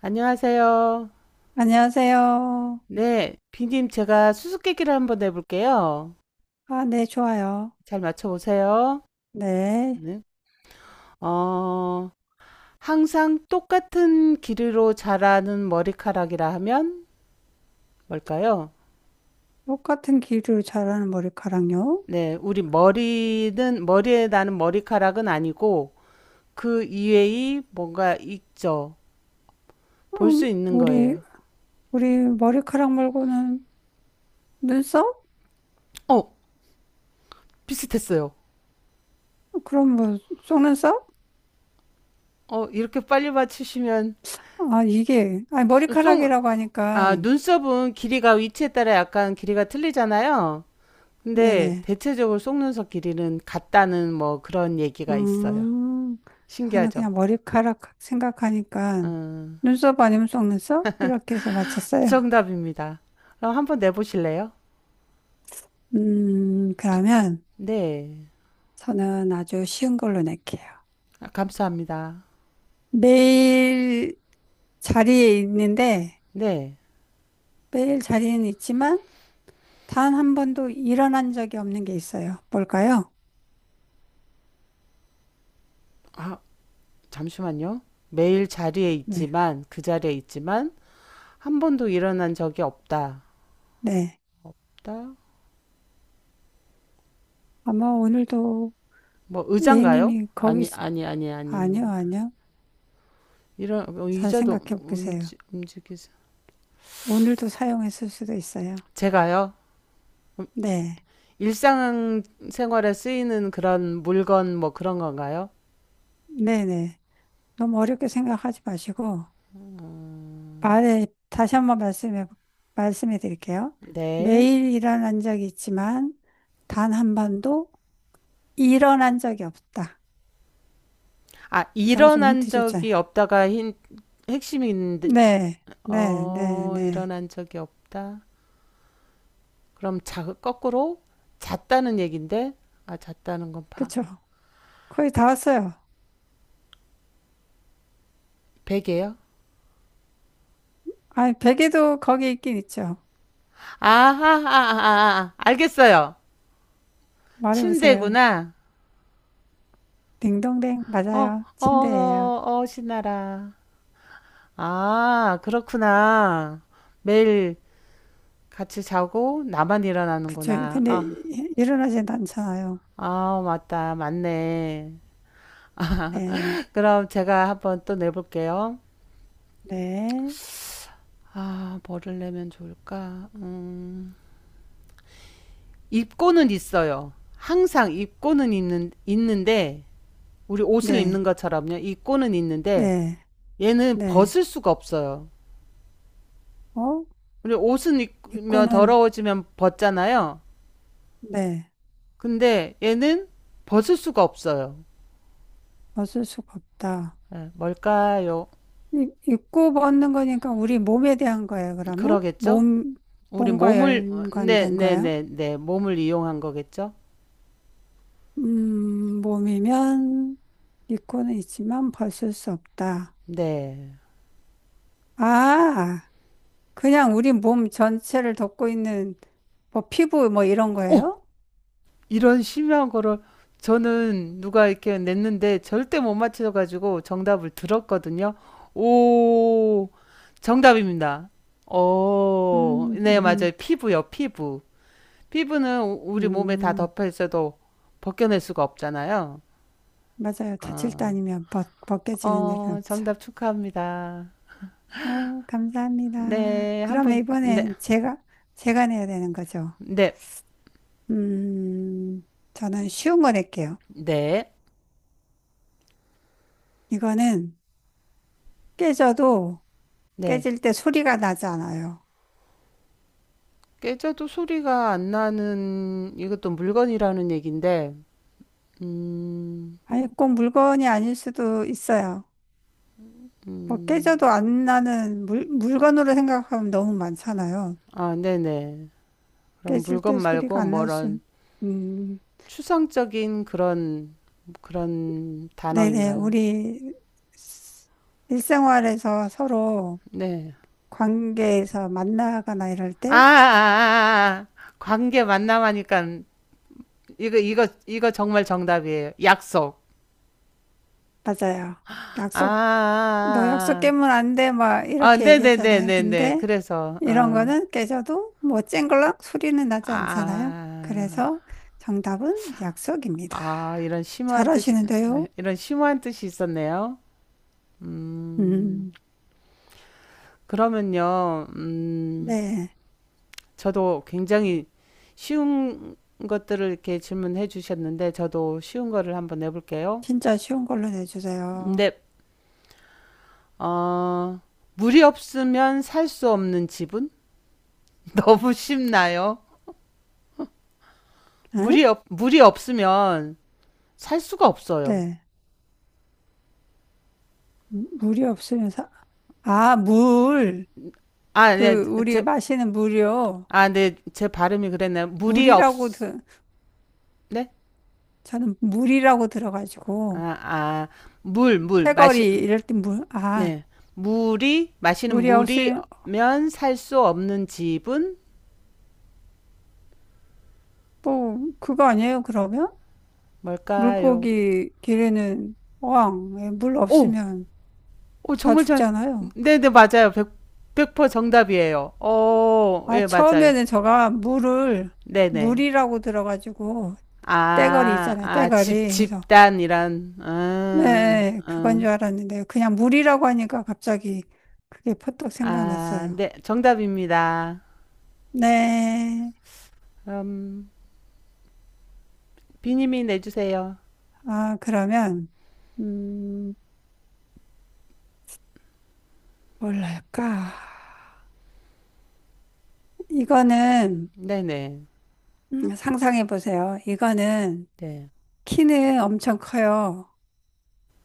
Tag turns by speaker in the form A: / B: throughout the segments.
A: 안녕하세요.
B: 안녕하세요.
A: 네, 비님 제가 수수께끼를 한번 내볼게요.
B: 아, 네, 좋아요.
A: 잘 맞춰보세요.
B: 네.
A: 네. 어, 항상 똑같은 길이로 자라는 머리카락이라 하면 뭘까요?
B: 똑같은 길이로 자라는 머리카락요?
A: 네, 머리에 나는 머리카락은 아니고 그 이외의 뭔가 있죠. 볼 수
B: 음,
A: 있는
B: 우리,
A: 거예요.
B: 우리 머리카락 말고는 눈썹?
A: 어, 비슷했어요.
B: 그럼 뭐, 속눈썹?
A: 어, 이렇게 빨리 맞추시면,
B: 아, 이게, 아니,
A: 쏭,
B: 머리카락이라고
A: 아,
B: 하니까,
A: 눈썹은 길이가 위치에 따라 약간 길이가 틀리잖아요. 근데
B: 네네.
A: 대체적으로 속눈썹 길이는 같다는 뭐 그런 얘기가 있어요.
B: 음, 저는
A: 신기하죠?
B: 그냥 머리카락 생각하니까,
A: 음,
B: 눈썹 아니면 속눈썹? 이렇게 해서 맞췄어요.
A: 정답입니다. 그럼 한번 내보실래요?
B: 그러면
A: 네.
B: 저는 아주 쉬운 걸로 낼게요.
A: 아, 감사합니다.
B: 매일 자리에 있는데,
A: 네.
B: 매일 자리에는 있지만, 단 한 번도 일어난 적이 없는 게 있어요. 뭘까요?
A: 아, 잠시만요. 매일 자리에
B: 네.
A: 있지만, 한 번도 일어난 적이 없다.
B: 네.
A: 없다?
B: 아마 오늘도
A: 뭐, 의자인가요?
B: A님이 거기 있.
A: 아니, 아니, 아니, 아니.
B: 아니요, 아니요.
A: 이런, 어,
B: 잘
A: 의자도
B: 생각해 보세요.
A: 움직이지.
B: 오늘도 사용했을 수도 있어요.
A: 제가요?
B: 네.
A: 일상생활에 쓰이는 그런 물건 뭐 그런 건가요?
B: 네네. 너무 어렵게 생각하지 마시고, 말에, 다시 한번 말씀해 드릴게요.
A: 네.
B: 매일 일어난 적이 있지만, 단 한 번도 일어난 적이 없다.
A: 아,
B: 제가 지금
A: 일어난
B: 힌트
A: 적이
B: 줬잖아요.
A: 없다가 힌, 핵심인데,
B: 네, 네, 네,
A: 어,
B: 네.
A: 일어난 적이 없다. 그럼 자, 거꾸로 잤다는 얘긴데, 아, 잤다는 건 봐.
B: 그쵸. 거의 다 왔어요.
A: 베개요?
B: 아니, 베개도 거기 있긴 있죠.
A: 아하, 하하 아, 아. 아. 알겠어요.
B: 말해보세요.
A: 침대구나.
B: 딩동댕,
A: 어,
B: 맞아요.
A: 어,
B: 침대예요.
A: 어, 어, 신나라. 아, 그렇구나. 매일 같이 자고 나만
B: 그쵸.
A: 일어나는구나.
B: 근데
A: 아.
B: 일어나진 않잖아요.
A: 아, 맞다. 맞네.
B: 네,
A: 그럼 제가 한번 또 내볼게요.
B: 네,
A: 아, 뭐를 내면 좋을까? 입고는 있어요. 항상 입고는 있는, 있는데, 우리 옷을 입는
B: 네,
A: 것처럼요. 입고는 있는데,
B: 네,
A: 얘는
B: 네.
A: 벗을 수가 없어요.
B: 어?
A: 우리 옷은 입으면
B: 입고는,
A: 더러워지면 벗잖아요.
B: 네,
A: 근데 얘는 벗을 수가 없어요.
B: 벗을 수가 없다.
A: 예, 뭘까요?
B: 입고 벗는 거니까 우리 몸에 대한 거예요, 그러면?
A: 그러겠죠? 우리
B: 몸과
A: 몸을, 네,
B: 연관된 거예요?
A: 몸을 이용한 거겠죠?
B: 몸이면 있고는 있지만 벗을 수 없다.
A: 네.
B: 아, 그냥 우리 몸 전체를 덮고 있는 뭐 피부 뭐 이런
A: 어,
B: 거예요?
A: 이런 심한 거를 저는 누가 이렇게 냈는데 절대 못 맞춰가지고 정답을 들었거든요. 오, 정답입니다. 어,
B: 음,
A: 네,
B: 음, 음,
A: 맞아요. 피부요, 피부. 피부는 우리 몸에 다
B: 음,
A: 덮여 있어도 벗겨낼 수가 없잖아요.
B: 맞아요. 다칠 때
A: 어,
B: 아니면 벗겨지는 일은
A: 어,
B: 없죠.
A: 정답 축하합니다.
B: 어, 감사합니다.
A: 네,
B: 그러면
A: 한번, 네,
B: 이번엔 제가, 내야 되는 거죠.
A: 네,
B: 음, 저는 쉬운 거 낼게요.
A: 네,
B: 이거는 깨져도
A: 네.
B: 깨질 때 소리가 나지 않아요.
A: 깨져도 소리가 안 나는 이것도 물건이라는 얘기인데, 음,
B: 아니, 꼭 물건이 아닐 수도 있어요. 뭐
A: 음.
B: 깨져도 안 나는 물건으로 생각하면 너무 많잖아요.
A: 아, 네네. 그럼
B: 깨질
A: 물건
B: 때 소리가
A: 말고
B: 안 날 수.
A: 뭐런
B: 음,
A: 추상적인 그런 그런
B: 네네.
A: 단어인가요?
B: 우리 스- 일생활에서 서로
A: 네.
B: 관계에서 만나거나 이럴 때,
A: 아. 관계 만남하니까 이거 정말 정답이에요. 약속.
B: 맞아요.
A: 아,
B: 약속. 너 약속
A: 아,
B: 깨면 안 돼, 막
A: 아,
B: 이렇게 얘기하잖아요.
A: 네네네네네.
B: 근데
A: 그래서
B: 이런
A: 어,
B: 거는 깨져도 뭐 쨍글락 소리는 나지 않잖아요.
A: 아,
B: 그래서
A: 아,
B: 정답은 약속입니다.
A: 이런 심오한 뜻이
B: 잘하시는데요?
A: 이런 심오한 뜻이 있었네요. 음,
B: 음,
A: 그러면요. 음.
B: 네.
A: 저도 굉장히 쉬운 것들을 이렇게 질문해 주셨는데 저도 쉬운 거를 한번 내볼게요.
B: 진짜 쉬운 걸로 내주세요.
A: 네, 어, 물이 없으면 살 수 없는 집은 너무 쉽나요?
B: 응?
A: 물이 없으면 살 수가 없어요.
B: 네. 물이 없으면 아, 물.
A: 아, 네,
B: 그, 우리
A: 제,
B: 마시는 물이요.
A: 아, 네, 제 발음이 그랬나요? 물이 없,
B: 물이라고, 들
A: 네,
B: 저는 물이라고
A: 아,
B: 들어가지고,
A: 아, 물 마시,
B: 패거리 이럴 때 물, 아,
A: 네, 물이 마시는
B: 물이 없으면
A: 물이면 살 수 없는 집은
B: 뭐, 그거 아니에요, 그러면?
A: 뭘까요?
B: 물고기 기르는 어항, 예, 물
A: 오,
B: 없으면
A: 어,
B: 다
A: 정말 잘.
B: 죽잖아요.
A: 네네, 맞아요. 100, 정답이에요. 어,
B: 아,
A: 예, 맞아요.
B: 처음에는 저가 물을,
A: 네네.
B: 물이라고 들어가지고, 떼거리 있잖아요,
A: 집,
B: 떼거리. 그래서,
A: 집단이란,
B: 네, 그건 줄 알았는데, 그냥 물이라고 하니까 갑자기 그게 퍼뜩
A: 아,
B: 생각났어요.
A: 네, 정답입니다.
B: 네,
A: 음, 비님이 내주세요.
B: 아, 그러면, 음, 뭘할까? 이거는,
A: 네네. 네,
B: 상상해 보세요. 이거는,
A: 네,
B: 키는 엄청 커요.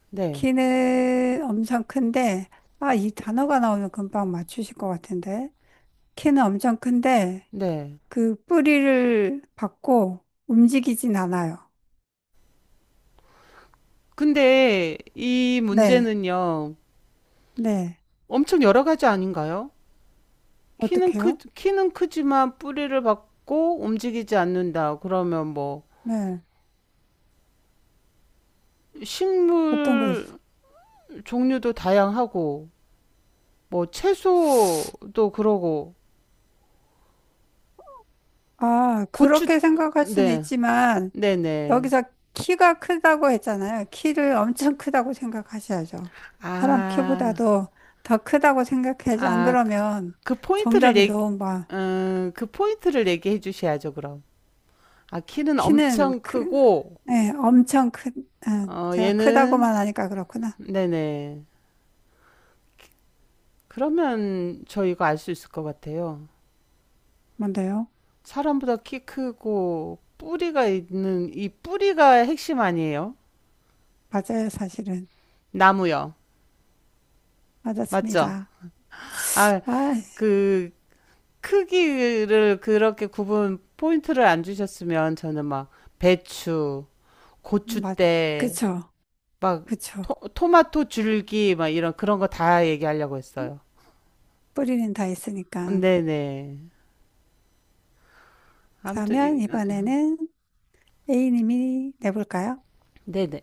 A: 네.
B: 키는 엄청 큰데, 아, 이 단어가 나오면 금방 맞추실 것 같은데. 키는 엄청 큰데,
A: 네.
B: 그 뿌리를 받고 움직이진 않아요.
A: 근데 이
B: 네,
A: 문제는요,
B: 네.
A: 엄청 여러 가지 아닌가요?
B: 어떡해요?
A: 키는 크지만 뿌리를 박고 움직이지 않는다. 그러면 뭐,
B: 네. 어떤 거
A: 식물
B: 있어요?
A: 종류도 다양하고 뭐 채소도 그러고
B: 아,
A: 고추
B: 그렇게 생각할 수는
A: 네.
B: 있지만,
A: 네네.
B: 여기서 키가 크다고 했잖아요. 키를 엄청 크다고 생각하셔야죠. 사람
A: 아,
B: 키보다도 더 크다고 생각해야지. 안
A: 아,
B: 그러면
A: 그 포인트를
B: 정답이
A: 얘기,
B: 너무 많.
A: 그 포인트를 얘기해 주셔야죠, 그럼. 아, 키는
B: 키는
A: 엄청
B: 크,
A: 크고,
B: 네, 엄청 큰, 아,
A: 어,
B: 제가
A: 얘는,
B: 크다고만 하니까 그렇구나.
A: 네네. 그러면 저희가 알 수 있을 것 같아요.
B: 뭔데요?
A: 사람보다 키 크고, 이 뿌리가 핵심 아니에요?
B: 맞아요, 사실은.
A: 나무요. 맞죠?
B: 맞았습니다.
A: 아,
B: 아,
A: 그 크기를 그렇게 구분 포인트를 안 주셨으면 저는 막 배추,
B: 맞,
A: 고추대,
B: 그쵸,
A: 막
B: 그쵸.
A: 마토 줄기 막 이런 그런 거 다 얘기하려고 했어요.
B: 뿌리는 다 있으니까.
A: 네네. 아무튼
B: 그러면
A: 이-
B: 이번에는 A님이 내볼까요?
A: 네네.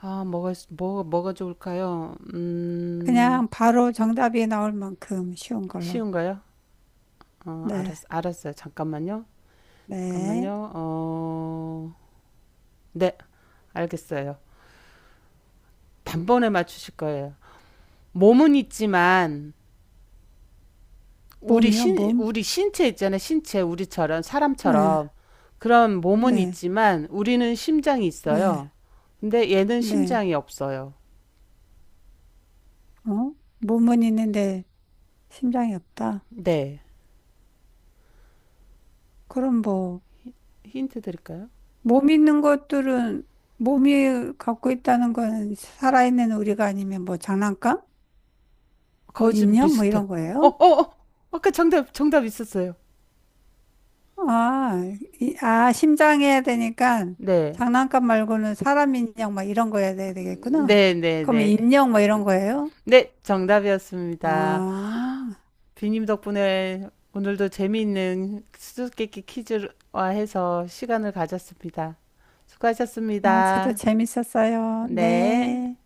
A: 뭐 뭐가 좋을까요?
B: 그냥 바로 정답이 나올 만큼 쉬운 걸로.
A: 쉬운가요? 어
B: 네,
A: 알았어요. 잠깐만요.
B: 네.
A: 잠깐만요. 어 네 알겠어요. 단번에 맞추실 거예요. 몸은 있지만
B: 몸이요, 몸?
A: 우리 신체 있잖아요. 신체, 우리처럼,
B: 네,
A: 사람처럼. 그런 몸은
B: 네,
A: 있지만, 우리는 심장이
B: 네,
A: 있어요. 근데 얘는
B: 네.
A: 심장이 없어요.
B: 어? 몸은 있는데 심장이 없다?
A: 네.
B: 그럼 뭐,
A: 힌트 드릴까요?
B: 몸 있는 것들은 몸이 갖고 있다는 건 살아있는 우리가 아니면 뭐 장난감? 뭐
A: 거의 좀
B: 인형? 뭐
A: 비슷해.
B: 이런
A: 어,
B: 거예요?
A: 어, 어! 정답 있었어요.
B: 아, 아, 심장 해야 되니까
A: 네.
B: 장난감 말고는 사람 인형 막 이런 거 해야 되겠구나.
A: 네, 네,
B: 그러면
A: 네.
B: 인형 뭐 이런 거예요?
A: 네, 정답이었습니다.
B: 아,
A: 비님 덕분에 오늘도 재미있는 수수께끼 퀴즈와 해서 시간을 가졌습니다.
B: 아, 저도
A: 수고하셨습니다.
B: 재밌었어요.
A: 네.
B: 네.